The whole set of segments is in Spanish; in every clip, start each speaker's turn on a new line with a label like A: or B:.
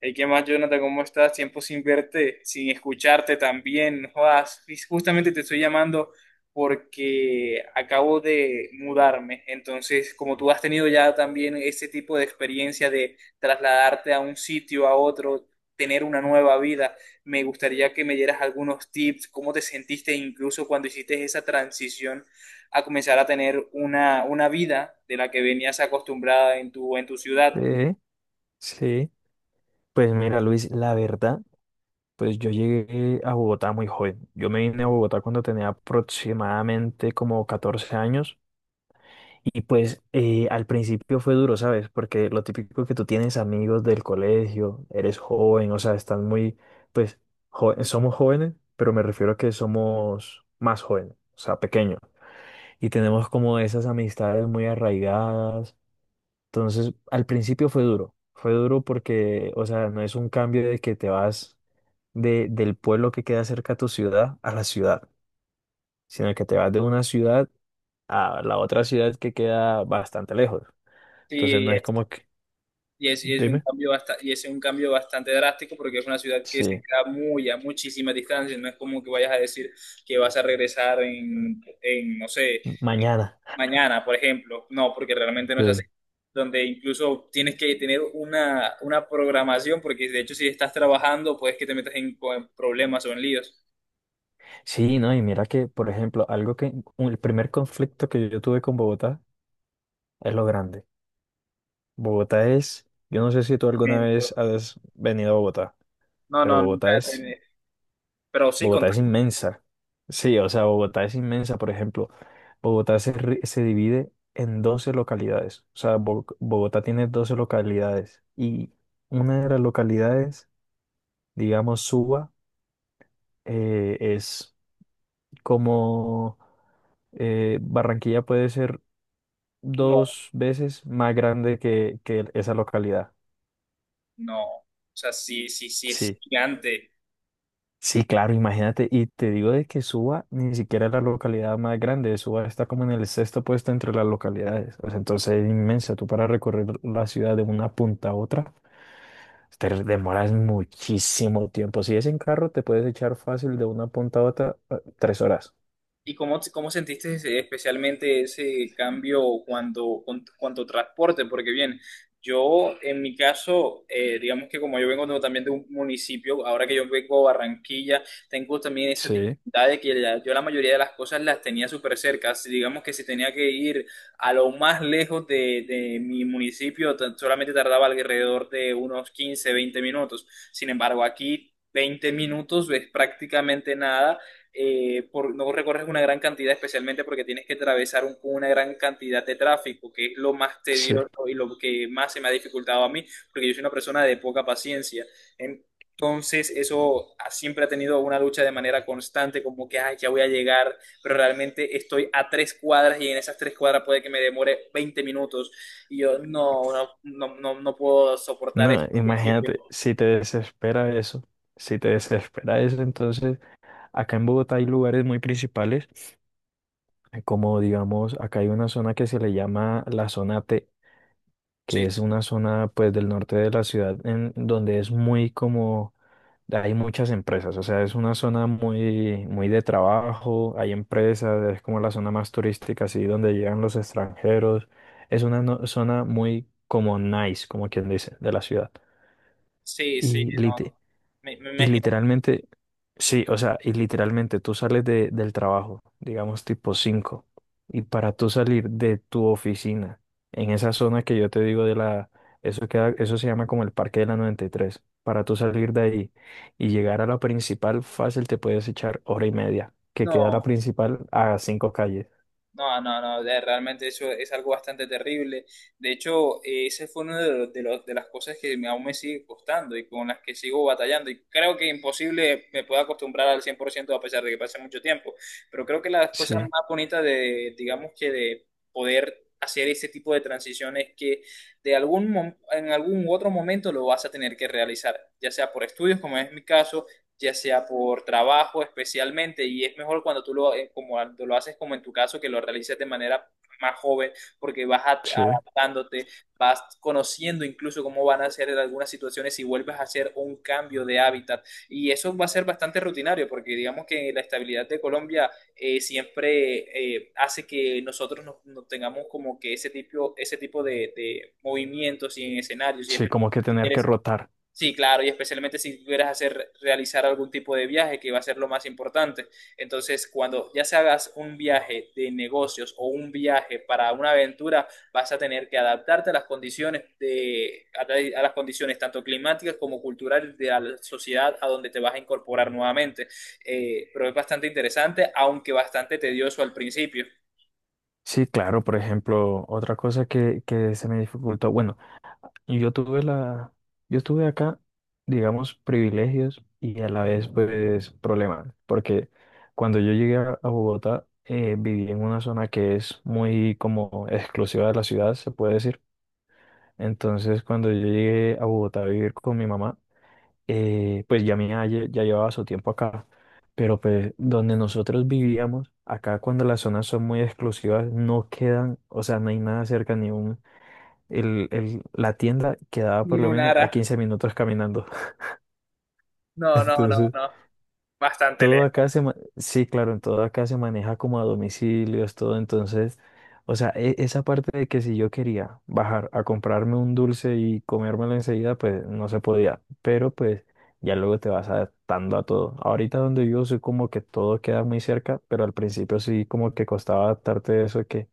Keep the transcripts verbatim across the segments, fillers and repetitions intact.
A: Hey, ¿qué más, Jonathan? ¿Cómo estás? Tiempo sin verte, sin escucharte también. No jodas, justamente te estoy llamando porque acabo de mudarme. Entonces, como tú has tenido ya también ese tipo de experiencia de trasladarte a un sitio, a otro, tener una nueva vida, me gustaría que me dieras algunos tips, cómo te sentiste incluso cuando hiciste esa transición a comenzar a tener una, una vida de la que venías acostumbrada en tu, en tu ciudad.
B: Sí, sí. Pues mira, Luis, la verdad, pues yo llegué a Bogotá muy joven. Yo me vine a Bogotá cuando tenía aproximadamente como catorce años y pues eh, al principio fue duro, ¿sabes? Porque lo típico, que tú tienes amigos del colegio, eres joven, o sea, estás muy, pues jo- somos jóvenes, pero me refiero a que somos más jóvenes, o sea, pequeños. Y tenemos como esas amistades muy arraigadas. Entonces, al principio fue duro, fue duro porque, o sea, no es un cambio de que te vas de, del pueblo que queda cerca a tu ciudad a la ciudad, sino que te vas de una ciudad a la otra ciudad que queda bastante lejos. Entonces,
A: Sí.
B: no es como que,
A: Y es, y es un
B: dime,
A: cambio basta- y es un cambio bastante drástico porque es una ciudad que se
B: sí,
A: queda muy a muchísima distancia. No es como que vayas a decir que vas a regresar en, en, no sé,
B: mañana.
A: mañana, por ejemplo. No, porque realmente no es así.
B: Sí.
A: Donde incluso tienes que tener una, una programación porque, de hecho, si estás trabajando puedes que te metas en, en problemas o en líos.
B: Sí, no, y mira que, por ejemplo, algo que, un- el primer conflicto que yo tuve con Bogotá es lo grande. Bogotá es, yo no sé si tú alguna
A: Menso.
B: vez has venido a Bogotá,
A: No,
B: pero
A: no, nunca
B: Bogotá
A: he
B: es
A: tenido. Pero sí, con...
B: Bogotá es inmensa. Sí, o sea, Bogotá es inmensa. Por ejemplo, Bogotá se, ri- se divide en doce localidades. O sea, Bo- Bogotá tiene doce localidades. Y una de las localidades, digamos, Suba, eh, es como eh, Barranquilla puede ser
A: No,
B: dos veces más grande que, que esa localidad.
A: no. O sea, sí, sí, sí, es
B: Sí.
A: gigante.
B: Sí, claro, imagínate, y te digo de que Suba ni siquiera es la localidad más grande, Suba está como en el sexto puesto entre las localidades, o sea, entonces es inmensa. Tú para recorrer la ciudad de una punta a otra, te demoras muchísimo tiempo, si es en carro te puedes echar fácil de una punta a otra eh, tres horas.
A: ¿Y cómo, cómo sentiste ese- especialmente ese cambio cuando, con- cuanto transporte? Porque bien, yo en mi caso, eh, digamos que como yo vengo de- también de un municipio, ahora que yo vengo a Barranquilla, tengo también esa
B: Sí,
A: dificultad de que la- yo la mayoría de las cosas las tenía súper cerca. Si digamos que si tenía que ir a lo más lejos de, de mi municipio, tan- solamente tardaba alrededor de unos quince, veinte minutos. Sin embargo, aquí... veinte minutos es prácticamente nada, eh, por, no recorres una gran cantidad, especialmente porque tienes que atravesar un- una gran cantidad de tráfico, que es lo más
B: sí.
A: tedioso y lo que más se me ha dificultado a mí, porque yo soy una persona de poca paciencia. Entonces, eso ha- siempre ha tenido una lucha de manera constante, como que, ay, ya voy a llegar, pero realmente estoy a tres cuadras y en esas tres cuadras puede que me demore veinte minutos. Y yo no, no, no, no, no puedo soportar
B: No,
A: eso al principio.
B: imagínate, si te desespera eso, si te desespera eso, entonces acá en Bogotá hay lugares muy principales, eh, como digamos, acá hay una zona que se le llama la zona te, que
A: Sí,
B: es una zona pues del norte de la ciudad en donde es muy como hay muchas empresas. O sea, es una zona muy muy de trabajo, hay empresas, es como la zona más turística, así donde llegan los extranjeros. Es una no- zona muy como nice, como quien dice, de la ciudad.
A: sí, sí,
B: Y
A: no.
B: lite-
A: Me, me
B: y
A: imagino.
B: literalmente, sí, o sea, y literalmente tú sales de, del trabajo, digamos tipo cinco, y para tú salir de tu oficina, en esa zona que yo te digo de la, eso queda, eso se llama como el Parque de la noventa y tres, para tú salir de ahí y llegar a la principal fácil te puedes echar hora y media, que queda la
A: No.
B: principal a cinco calles.
A: No, no, no, de- realmente eso es algo bastante terrible. De hecho, eh, ese fue uno de, los- de, los- de las cosas que me- aún me sigue costando y con las que sigo batallando. Y creo que imposible me pueda acostumbrar al cien por ciento, a pesar de que pase mucho tiempo. Pero creo que las cosas
B: Sí,
A: más bonitas de, digamos que de poder hacer ese tipo de transiciones es que de algún mom- en algún otro momento lo vas a tener que realizar, ya sea por estudios, como es mi caso, ya sea por trabajo especialmente, y es mejor cuando tú lo, eh, como tú lo haces como en tu caso, que lo realices de manera más joven, porque vas a-
B: sí,
A: adaptándote, vas conociendo incluso cómo van a ser en algunas situaciones y vuelves a hacer un cambio de hábitat. Y eso va a ser bastante rutinario, porque digamos que la estabilidad de Colombia, eh, siempre eh, hace que nosotros nos, nos tengamos como que ese tipo, ese tipo de, de movimientos y en escenarios, y
B: sí, como
A: especialmente
B: que
A: si
B: tener que
A: quieres.
B: rotar.
A: Sí, claro, y especialmente si quieres hacer, realizar algún tipo de viaje, que va a ser lo más importante. Entonces, cuando ya se hagas un viaje de negocios o un viaje para una aventura, vas a tener que adaptarte a las condiciones de, a, a las condiciones tanto climáticas como culturales de la sociedad a donde te vas a incorporar nuevamente. Eh, pero es bastante interesante, aunque bastante tedioso al principio.
B: Sí, claro, por ejemplo, otra cosa que, que se me dificultó, bueno, y yo tuve la, yo tuve acá, digamos, privilegios y a la vez, pues, problemas, porque cuando yo llegué a a Bogotá, eh, viví en una zona que es muy como exclusiva de la ciudad, se puede decir. Entonces, cuando yo llegué a Bogotá a vivir con mi mamá, eh, pues ya mi mamá lle- ya llevaba su tiempo acá, pero pues donde nosotros vivíamos, acá cuando las zonas son muy exclusivas, no quedan, o sea, no hay nada cerca, ni un el- el- la tienda quedaba por
A: Y
B: lo
A: un
B: menos a
A: ara-
B: quince minutos caminando.
A: No, no, no,
B: Entonces,
A: no. Bastante
B: todo acá
A: lejos.
B: se, ma- sí, claro, en todo acá se maneja como a domicilios, todo. Entonces, o sea, e- esa parte de que si yo quería bajar a comprarme un dulce y comérmelo enseguida, pues no se podía. Pero pues ya luego te vas adaptando a todo. Ahorita donde yo soy como que todo queda muy cerca, pero al principio sí como que costaba adaptarte a eso que,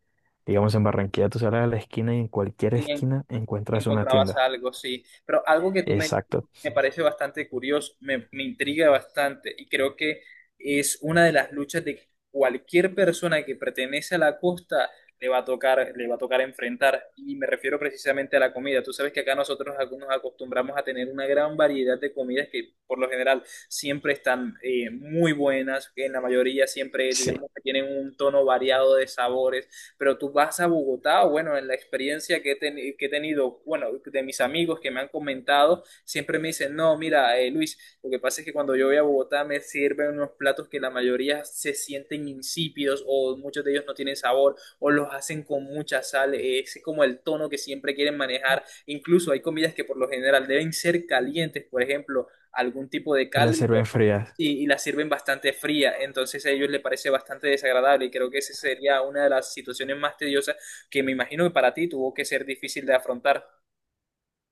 B: digamos, en Barranquilla tú sales a la esquina y en cualquier
A: Y en
B: esquina encuentras una
A: encontrabas
B: tienda.
A: algo, sí. Pero algo que tú me,
B: Exacto.
A: me parece bastante curioso, me, me intriga bastante y creo que es una de las luchas de cualquier persona que pertenece a la costa, le va a tocar, le va a tocar enfrentar. Y me refiero precisamente a la comida. Tú sabes que acá nosotros ac- nos acostumbramos a tener una gran variedad de comidas que, por lo general, siempre están, eh, muy buenas, que en la mayoría siempre,
B: Sí,
A: digamos, que tienen un tono variado de sabores, pero tú vas a Bogotá, o bueno, en la experiencia que he, ten- que he tenido, bueno, de mis amigos que me han comentado, siempre me dicen, no, mira, eh, Luis, lo que pasa es que cuando yo voy a Bogotá me sirven unos platos que la mayoría se sienten insípidos o muchos de ellos no tienen sabor o los hacen con mucha sal, eh, ese es como el tono que siempre quieren manejar, incluso hay comidas que por lo general deben ser calientes, por ejemplo, algún tipo de
B: el
A: caldo.
B: las en frías.
A: Sí, y la sirven bastante fría, entonces a ellos les parece bastante desagradable y creo que esa sería una de las situaciones más tediosas que me imagino que para ti tuvo que ser difícil de afrontar.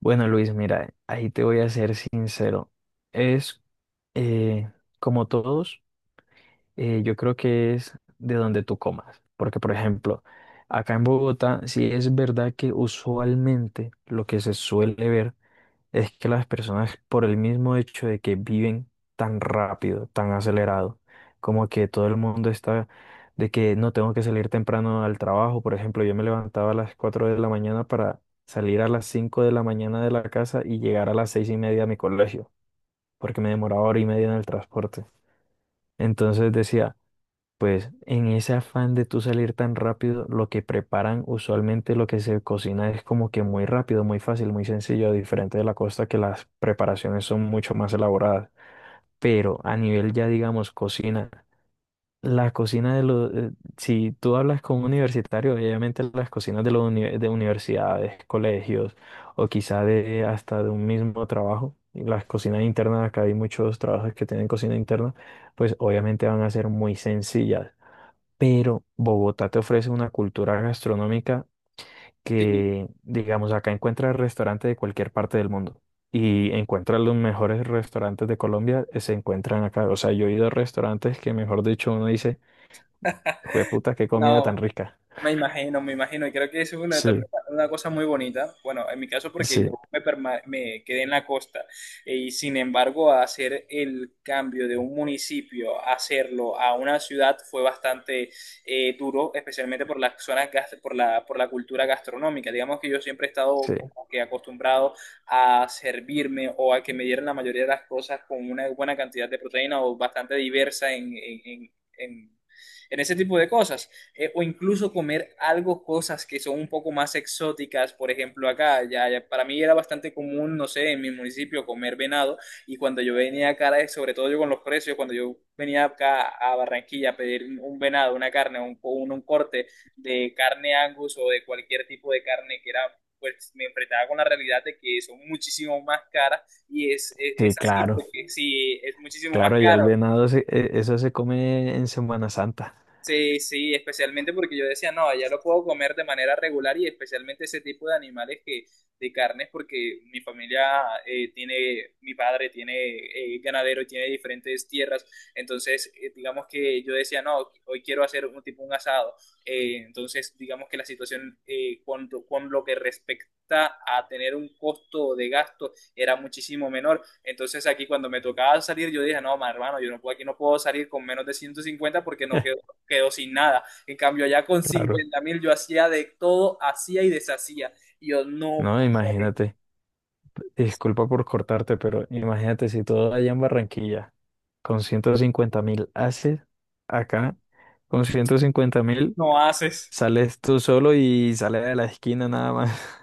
B: Bueno, Luis, mira, ahí te voy a ser sincero. Es, eh, como todos, eh, yo creo que es de donde tú comas. Porque, por ejemplo, acá en Bogotá, sí es verdad que usualmente lo que se suele ver es que las personas, por el mismo hecho de que viven tan rápido, tan acelerado, como que todo el mundo está de que no tengo que salir temprano al trabajo. Por ejemplo, yo me levantaba a las cuatro de la mañana para salir a las cinco de la mañana de la casa y llegar a las seis y media a mi colegio, porque me demoraba hora y media en el transporte. Entonces decía, pues en ese afán de tú salir tan rápido, lo que preparan usualmente, lo que se cocina es como que muy rápido, muy fácil, muy sencillo, diferente de la costa que las preparaciones son mucho más elaboradas. Pero a nivel ya digamos cocina, la cocina de los, eh, si tú hablas con un universitario, obviamente las cocinas de los uni- de universidades, colegios o quizá de hasta de un mismo trabajo, y las cocinas internas, acá hay muchos trabajos que tienen cocina interna, pues obviamente van a ser muy sencillas, pero Bogotá te ofrece una cultura gastronómica
A: Sí,
B: que, digamos, acá encuentras restaurantes de cualquier parte del mundo y encuentras los mejores restaurantes de Colombia, eh, se encuentran acá. O sea, yo he ido a restaurantes que, mejor dicho, uno dice, jueputa, qué comida tan
A: no.
B: rica.
A: Me imagino, me imagino, y creo que eso es una, también
B: Sí,
A: una cosa muy bonita. Bueno, en mi caso, porque yo
B: sí,
A: me, perma- me quedé en la costa, eh, y sin embargo, hacer el cambio de un municipio, hacerlo a una ciudad fue bastante, eh, duro, especialmente por las zonas, gas- por la, por la cultura gastronómica. Digamos que yo siempre he
B: sí,
A: estado como que acostumbrado a servirme o a que me dieran la mayoría de las cosas con una buena cantidad de proteína o bastante diversa en, en en- en- en ese tipo de cosas, eh, o incluso comer algo, cosas que son un poco más exóticas. Por ejemplo, acá, ya, ya para mí era bastante común, no sé, en mi municipio comer venado. Y cuando yo venía acá, eh, sobre todo yo con los precios, cuando yo venía acá a Barranquilla a pedir un un venado, una carne, un, un, un corte de carne Angus o de cualquier tipo de carne que era, pues me enfrentaba con la realidad de que son muchísimo más caras, y es, es, es
B: sí,
A: así,
B: claro,
A: porque sí, es muchísimo más
B: claro, allá el
A: caro.
B: venado, se- eh, eso se come en Semana Santa.
A: Sí, sí, especialmente porque yo decía, no, allá lo puedo comer de manera regular y especialmente ese tipo de animales que, de carnes, porque mi familia, eh, tiene, mi padre tiene, eh, ganadero, tiene diferentes tierras, entonces, eh, digamos que yo decía, no, hoy quiero hacer un tipo un asado. Eh, entonces digamos que la situación, eh, con, con lo que respecta a tener un costo de gasto era muchísimo menor, entonces aquí cuando me tocaba salir yo dije, no, ma, hermano, yo no puedo, aquí no puedo salir con menos de ciento cincuenta porque no quedo, quedó sin nada. En cambio, allá con
B: Claro.
A: cincuenta mil yo hacía de todo, hacía y deshacía. Y yo, no,
B: No,
A: padre,
B: imagínate, disculpa por cortarte, pero imagínate si todo allá en Barranquilla. Con ciento cincuenta mil haces acá. Con ciento cincuenta mil
A: no haces.
B: sales tú solo y sales de la esquina nada más.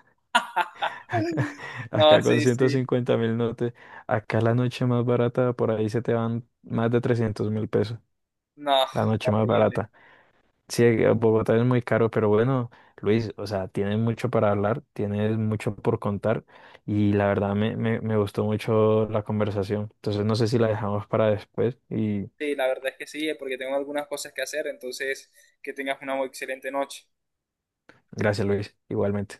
B: Acá
A: No,
B: acá con
A: sí,
B: ciento
A: sí.
B: cincuenta mil no te... Acá la noche más barata, por ahí se te van más de trescientos mil pesos.
A: No,
B: La noche más
A: horrible.
B: barata. Sí, eh, Bogotá es muy caro, pero bueno, Luis, o sea, tienes mucho para hablar, tienes mucho por contar y la verdad me, me, me gustó mucho la conversación. Entonces no sé si la dejamos para después. Y
A: Sí, la verdad es que sí, porque tengo algunas cosas que hacer, entonces que tengas una muy excelente noche.
B: gracias, Luis, igualmente.